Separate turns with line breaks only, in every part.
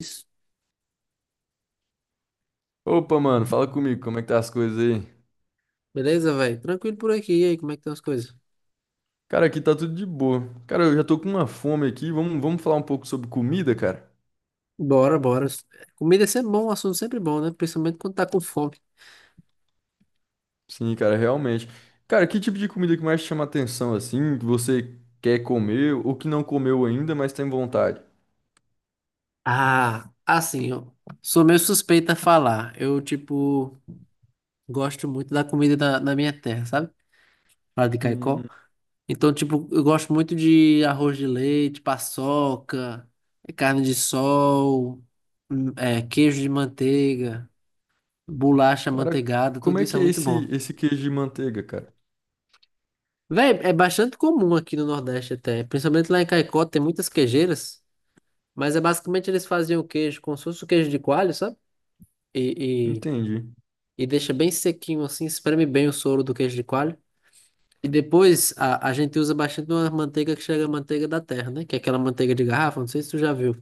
Isso.
Opa, mano, fala comigo, como é que tá as coisas aí?
Beleza, velho? Tranquilo por aqui. E aí, como é que estão as coisas?
Cara, aqui tá tudo de boa. Cara, eu já tô com uma fome aqui. Vamos falar um pouco sobre comida, cara?
Bora, bora. Comida é sempre bom, um assunto é sempre bom, né? Principalmente quando tá com fome.
Sim, cara, realmente. Cara, que tipo de comida que mais te chama atenção, assim, que você quer comer ou que não comeu ainda, mas tem vontade?
Ah, assim, ó. Sou meio suspeito a falar. Eu, tipo, gosto muito da comida da minha terra, sabe? Lá de
Hum,
Caicó. Então, tipo, eu gosto muito de arroz de leite, paçoca, é, carne de sol, é, queijo de manteiga, bolacha
cara,
manteigada,
como
tudo
é
isso é
que é
muito bom.
esse queijo de manteiga, cara?
Véi, é bastante comum aqui no Nordeste até, principalmente lá em Caicó tem muitas queijeiras, mas é basicamente eles faziam o queijo como se fosse o queijo de coalho, sabe? E,
Entendi.
e, e deixa bem sequinho assim, espreme bem o soro do queijo de coalho. E depois a gente usa bastante uma manteiga que chega a manteiga da terra, né? Que é aquela manteiga de garrafa, não sei se tu já viu.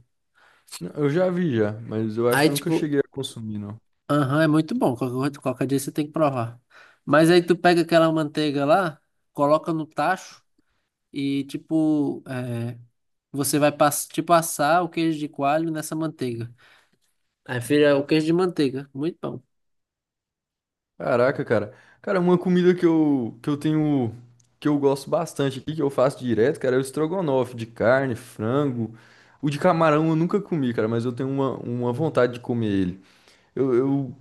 Não, eu já vi já, mas eu acho
Aí
que eu nunca
tipo,
cheguei a consumir, não.
aham, é muito bom, qualquer, qualquer dia você tem que provar. Mas aí tu pega aquela manteiga lá, coloca no tacho e tipo, é, você vai passar o queijo de coalho nessa manteiga. Aí vira o queijo de manteiga. Muito bom.
Caraca, cara. Cara, uma comida que eu tenho, que eu gosto bastante aqui, que eu faço direto, cara, é o estrogonofe de carne, frango. O de camarão eu nunca comi, cara, mas eu tenho uma vontade de comer ele. Eu, eu,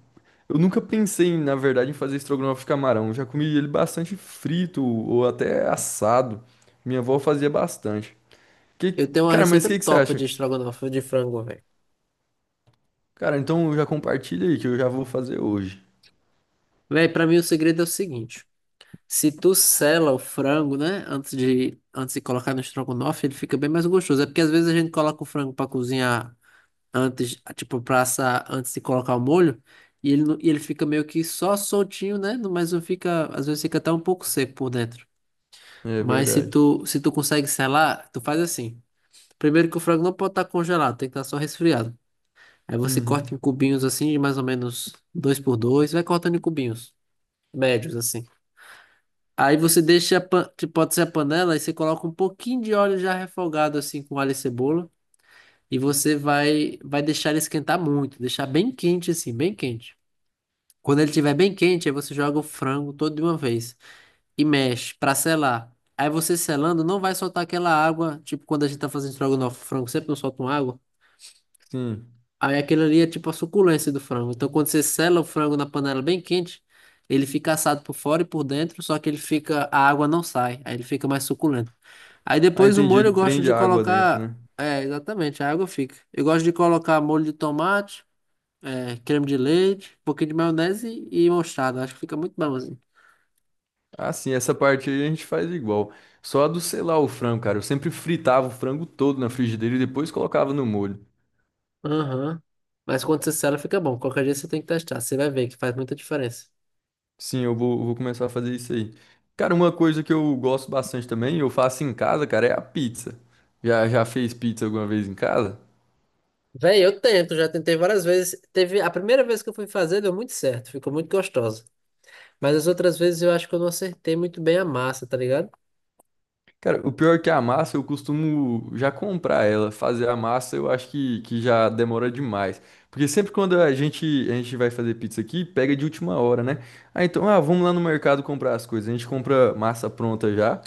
eu nunca pensei, em, na verdade, em fazer estrogonofe de camarão. Eu já comi ele bastante frito ou até assado. Minha avó fazia bastante. Que,
Eu tenho uma
cara, mas o
receita
que que você
top
acha?
de estrogonofe de frango, velho.
Cara, então já compartilha aí que eu já vou fazer hoje.
Velho, pra mim o segredo é o seguinte. Se tu sela o frango, né, antes de colocar no estrogonofe, ele fica bem mais gostoso. É porque às vezes a gente coloca o frango pra cozinhar antes, tipo, pra assar antes de colocar o molho, e ele, não- e ele fica meio que só soltinho, né, mas não fica, às vezes fica até um pouco seco por dentro.
É
Mas se
verdade.
tu, se tu consegue selar, tu faz assim. Primeiro que o frango não pode estar congelado, tem que estar só resfriado. Aí você corta em
Uhum.
cubinhos assim, de mais ou menos dois por dois, vai cortando em cubinhos médios assim. Aí você deixa, que pode ser a panela, e você coloca um pouquinho de óleo já refogado assim com alho e cebola, e você vai deixar ele esquentar muito, deixar bem quente assim, bem quente. Quando ele estiver bem quente, aí você joga o frango todo de uma vez e mexe para selar. Aí você selando não vai soltar aquela água, tipo quando a gente tá fazendo estrogonofe, o frango sempre não solta uma água.
Sim.
Aí aquilo ali é tipo a suculência do frango. Então quando você sela o frango na panela bem quente, ele fica assado por fora e por dentro, só que ele fica, a água não sai, aí ele fica mais suculento. Aí
Ah,
depois o
entendi.
molho
Ele
eu gosto
prende
de
a água dentro,
colocar,
né?
é, exatamente, a água fica. Eu gosto de colocar molho de tomate, é, creme de leite, um pouquinho de maionese e mostarda. Acho que fica muito bom assim.
Ah, sim, essa parte aí a gente faz igual. Só a do selar o frango, cara. Eu sempre fritava o frango todo na frigideira e depois colocava no molho.
Aham. Mas quando você sela fica bom. Qualquer dia você tem que testar, você vai ver que faz muita diferença.
Sim, eu vou começar a fazer isso aí. Cara, uma coisa que eu gosto bastante também, eu faço em casa, cara, é a pizza. Já fez pizza alguma vez em casa?
Véi, eu tento, já tentei várias vezes. Teve a primeira vez que eu fui fazer, deu muito certo, ficou muito gostosa. Mas as outras vezes eu acho que eu não acertei muito bem a massa, tá ligado?
Cara, o pior é que a massa eu costumo já comprar ela. Fazer a massa eu acho que já demora demais. Porque sempre quando a gente vai fazer pizza aqui, pega de última hora, né? Ah, então, ah, vamos lá no mercado comprar as coisas. A gente compra massa pronta já.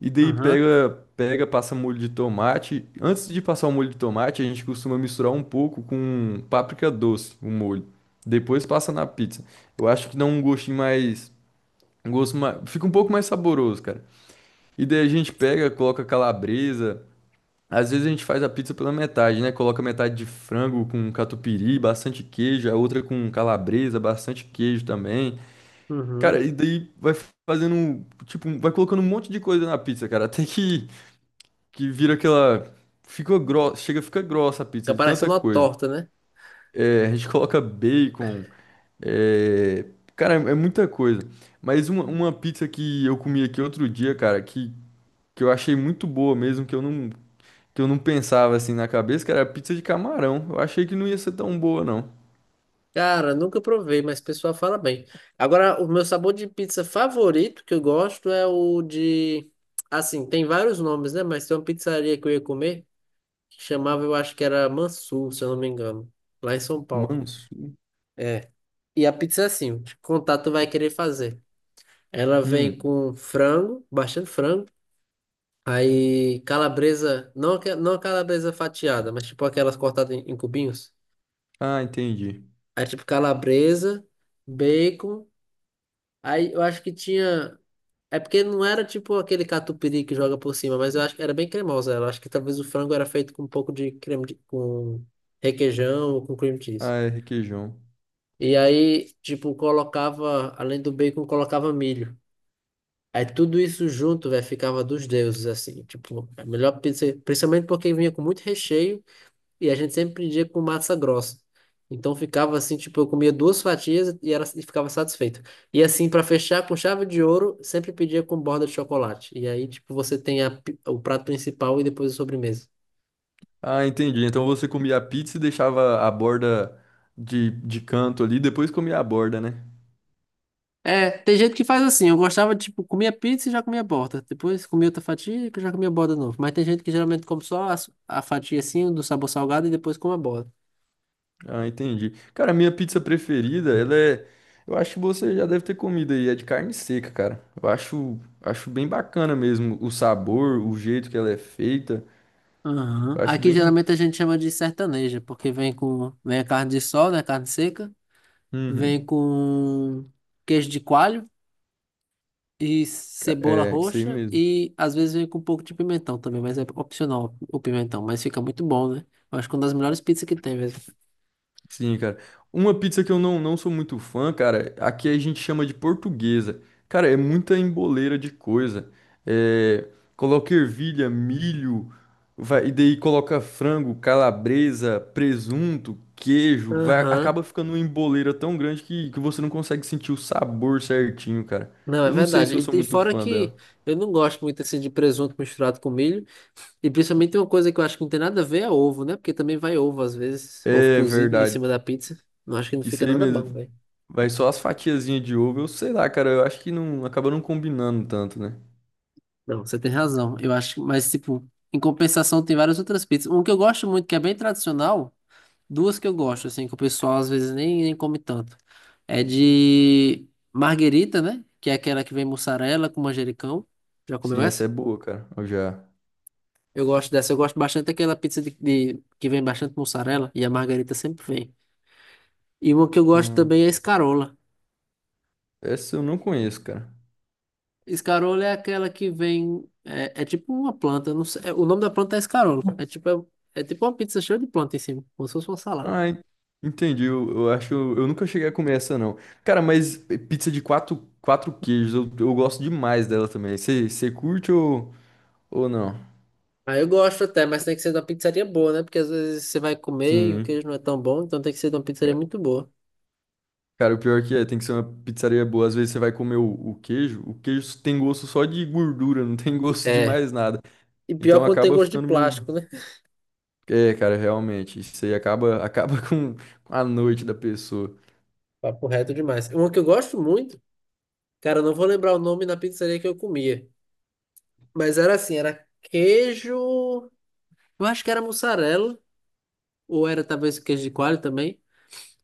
E daí
Aham,
passa molho de tomate. Antes de passar o molho de tomate, a gente costuma misturar um pouco com páprica doce, o molho. Depois passa na pizza. Eu acho que dá um gostinho mais. Um gosto mais. Fica um pouco mais saboroso, cara. E daí a gente pega, coloca calabresa. Às vezes a gente faz a pizza pela metade, né? Coloca metade de frango com catupiry, bastante queijo, a outra com calabresa, bastante queijo também.
uhum.
Cara, e daí vai fazendo, um, tipo, vai colocando um monte de coisa na pizza, cara, até que vira aquela fica grossa, chega, fica grossa a pizza
Fica
de tanta
parecendo uma
coisa.
torta, né?
É, a gente coloca bacon, é, cara, é muita coisa. Mas uma pizza que eu comi aqui outro dia, cara, que eu achei muito boa mesmo, que eu não pensava assim na cabeça, que era pizza de camarão. Eu achei que não ia ser tão boa, não.
Cara, nunca provei, mas o pessoal fala bem. Agora, o meu sabor de pizza favorito que eu gosto é o de. Assim, tem vários nomes, né? Mas tem uma pizzaria que eu ia comer que chamava, eu acho que era Mansur, se eu não me engano, lá em São Paulo.
Manso.
É. E a pizza é assim, de contato vai querer fazer. Ela vem
Hum.
com frango, bastante frango. Aí calabresa, não, não a calabresa fatiada, mas tipo aquelas cortadas em cubinhos.
Ah, entendi.
Aí tipo calabresa, bacon. Aí eu acho que tinha. É porque não era tipo aquele catupiry que joga por cima, mas eu acho que era bem cremosa ela. Eu acho que talvez o frango era feito com um pouco de creme de... com requeijão ou com cream cheese.
Ah, é requeijão.
E aí, tipo, colocava, além do bacon, colocava milho. Aí tudo isso junto, velho, ficava dos deuses, assim. Tipo, a melhor pizza, principalmente porque vinha com muito recheio e a gente sempre pedia com massa grossa. Então ficava assim, tipo, eu comia duas fatias e, era, e ficava satisfeito. E assim, para fechar com chave de ouro, sempre pedia com borda de chocolate. E aí, tipo, você tem o prato principal e depois a sobremesa.
Ah, entendi. Então você comia a pizza e deixava a borda de canto ali, depois comia a borda, né?
É, tem gente que faz assim. Eu gostava, tipo, comia pizza e já comia borda. Depois comia outra fatia e já comia borda de novo. Mas tem gente que geralmente come só a fatia assim, do sabor salgado e depois come a borda.
Ah, entendi. Cara, a minha pizza preferida, ela é. Eu acho que você já deve ter comido aí, é de carne seca, cara. Eu acho, acho bem bacana mesmo o sabor, o jeito que ela é feita.
Aham.
Eu acho
Aqui
bem.
geralmente a gente chama de sertaneja, porque vem a carne de sol, né, carne seca, vem
Uhum.
com queijo de coalho e
Ca-
cebola
é, isso aí
roxa
mesmo.
e às vezes vem com um pouco de pimentão também, mas é opcional o pimentão, mas fica muito bom, né? Eu acho que é uma das melhores pizzas que tem mesmo.
Sim, cara. Uma pizza que eu não sou muito fã, cara, aqui a gente chama de portuguesa. Cara, é muita emboleira de coisa. É, coloca ervilha, milho, vai, e daí coloca frango, calabresa, presunto, queijo. Vai,
Aham.
acaba ficando uma emboleira tão grande que você não consegue sentir o sabor certinho, cara.
Não, é
Eu não sei se eu
verdade.
sou
E
muito
fora
fã
que
dela.
eu não gosto muito assim de presunto misturado com milho. E principalmente tem uma coisa que eu acho que não tem nada a ver é ovo, né? Porque também vai ovo às vezes, ovo
É
cozido em
verdade.
cima da pizza. Não acho que não
Isso
fica
aí
nada
mesmo.
bom, velho.
Vai só as fatiazinhas de ovo. Eu sei lá, cara. Eu acho que não acaba não combinando tanto, né?
Não, você tem razão. Eu acho que, mas, tipo, em compensação, tem várias outras pizzas. Um que eu gosto muito, que é bem tradicional, duas que eu gosto, assim, que o pessoal às vezes nem come tanto. É de marguerita, né? Que é aquela que vem mussarela com manjericão. Já comeu
Sim,
essa?
essa é boa, cara. Eu já.
Eu gosto dessa. Eu gosto bastante daquela pizza que vem bastante mussarela e a marguerita sempre vem. E uma que eu gosto
Hum,
também é a escarola.
essa eu não conheço, cara.
Escarola é aquela que vem. É, é tipo uma planta. Eu não sei, é, o nome da planta é escarola. É tipo, é, é tipo uma pizza cheia de planta em cima, como se fosse uma salada.
Ah, en- entendi. Eu acho. Eu nunca cheguei a comer essa, não. Cara, mas pizza de quatro queijos, eu gosto demais dela também. Você curte ou não?
Aí eu gosto até, mas tem que ser de uma pizzaria boa, né? Porque às vezes você vai comer e o
Sim.
queijo não é tão bom, então tem que ser de uma pizzaria
Ca-
muito boa.
cara, o pior que é, tem que ser uma pizzaria boa. Às vezes você vai comer o, o queijo tem gosto só de gordura, não tem gosto de
É.
mais nada.
E pior
Então
quando tem
acaba
gosto de
ficando meio.
plástico, né?
É, cara, realmente. Isso aí acaba com a noite da pessoa.
Papo reto demais. Uma que eu gosto muito, cara, eu não vou lembrar o nome da pizzaria que eu comia. Mas era assim, era queijo. Eu acho que era mussarela, ou era talvez queijo de coalho também.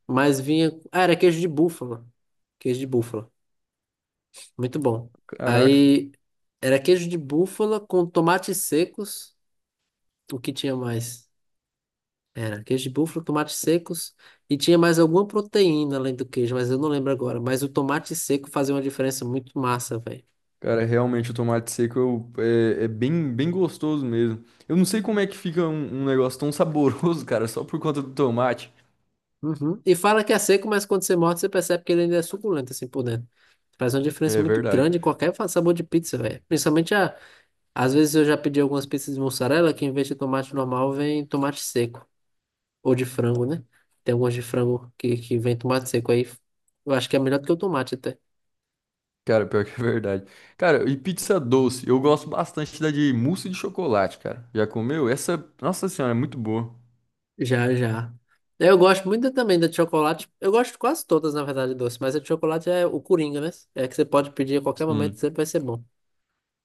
Mas vinha. Ah, era queijo de búfala. Queijo de búfala. Muito bom.
Caraca.
Aí era queijo de búfala com tomates secos. O que tinha mais? Era queijo de búfala, tomates secos. E tinha mais alguma proteína além do queijo, mas eu não lembro agora. Mas o tomate seco fazia uma diferença muito massa, velho.
Cara, realmente o tomate seco eu- é, é bem, bem gostoso mesmo. Eu não sei como é que fica um, um negócio tão saboroso, cara, só por conta do tomate.
Uhum. E fala que é seco, mas quando você morde, você percebe que ele ainda é suculento assim por dentro. Faz uma diferença
É
muito
verdade.
grande em qualquer sabor de pizza, velho. Principalmente a, às vezes eu já pedi algumas pizzas de mussarela que em vez de tomate normal vem tomate seco. Ou de frango, né? Tem algumas de frango que vem tomate seco aí. Eu acho que é melhor do que o tomate até.
Cara, pior que é verdade. Cara, e pizza doce? Eu gosto bastante da de mousse de chocolate, cara. Já comeu? Essa, nossa senhora, é muito boa.
Já, já. Eu gosto muito também da de chocolate. Eu gosto de quase todas, na verdade, doce. Mas a de chocolate é o coringa, né? É que você pode pedir a qualquer momento,
Sim.
sempre vai ser bom.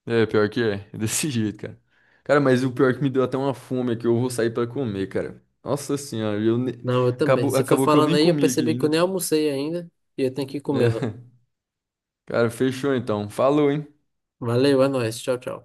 É, pior que é. É desse jeito, cara. Cara, mas o pior é que me deu até uma fome é que eu vou sair pra comer, cara. Nossa senhora, eu ne-
Não, eu também.
acabou,
Você foi
acabou que eu
falando
nem
aí, eu
comi aqui
percebi que eu
ainda.
nem almocei ainda. E eu tenho que
É.
comê-la.
Cara, fechou então. Falou, hein?
Valeu, é nóis. Tchau, tchau.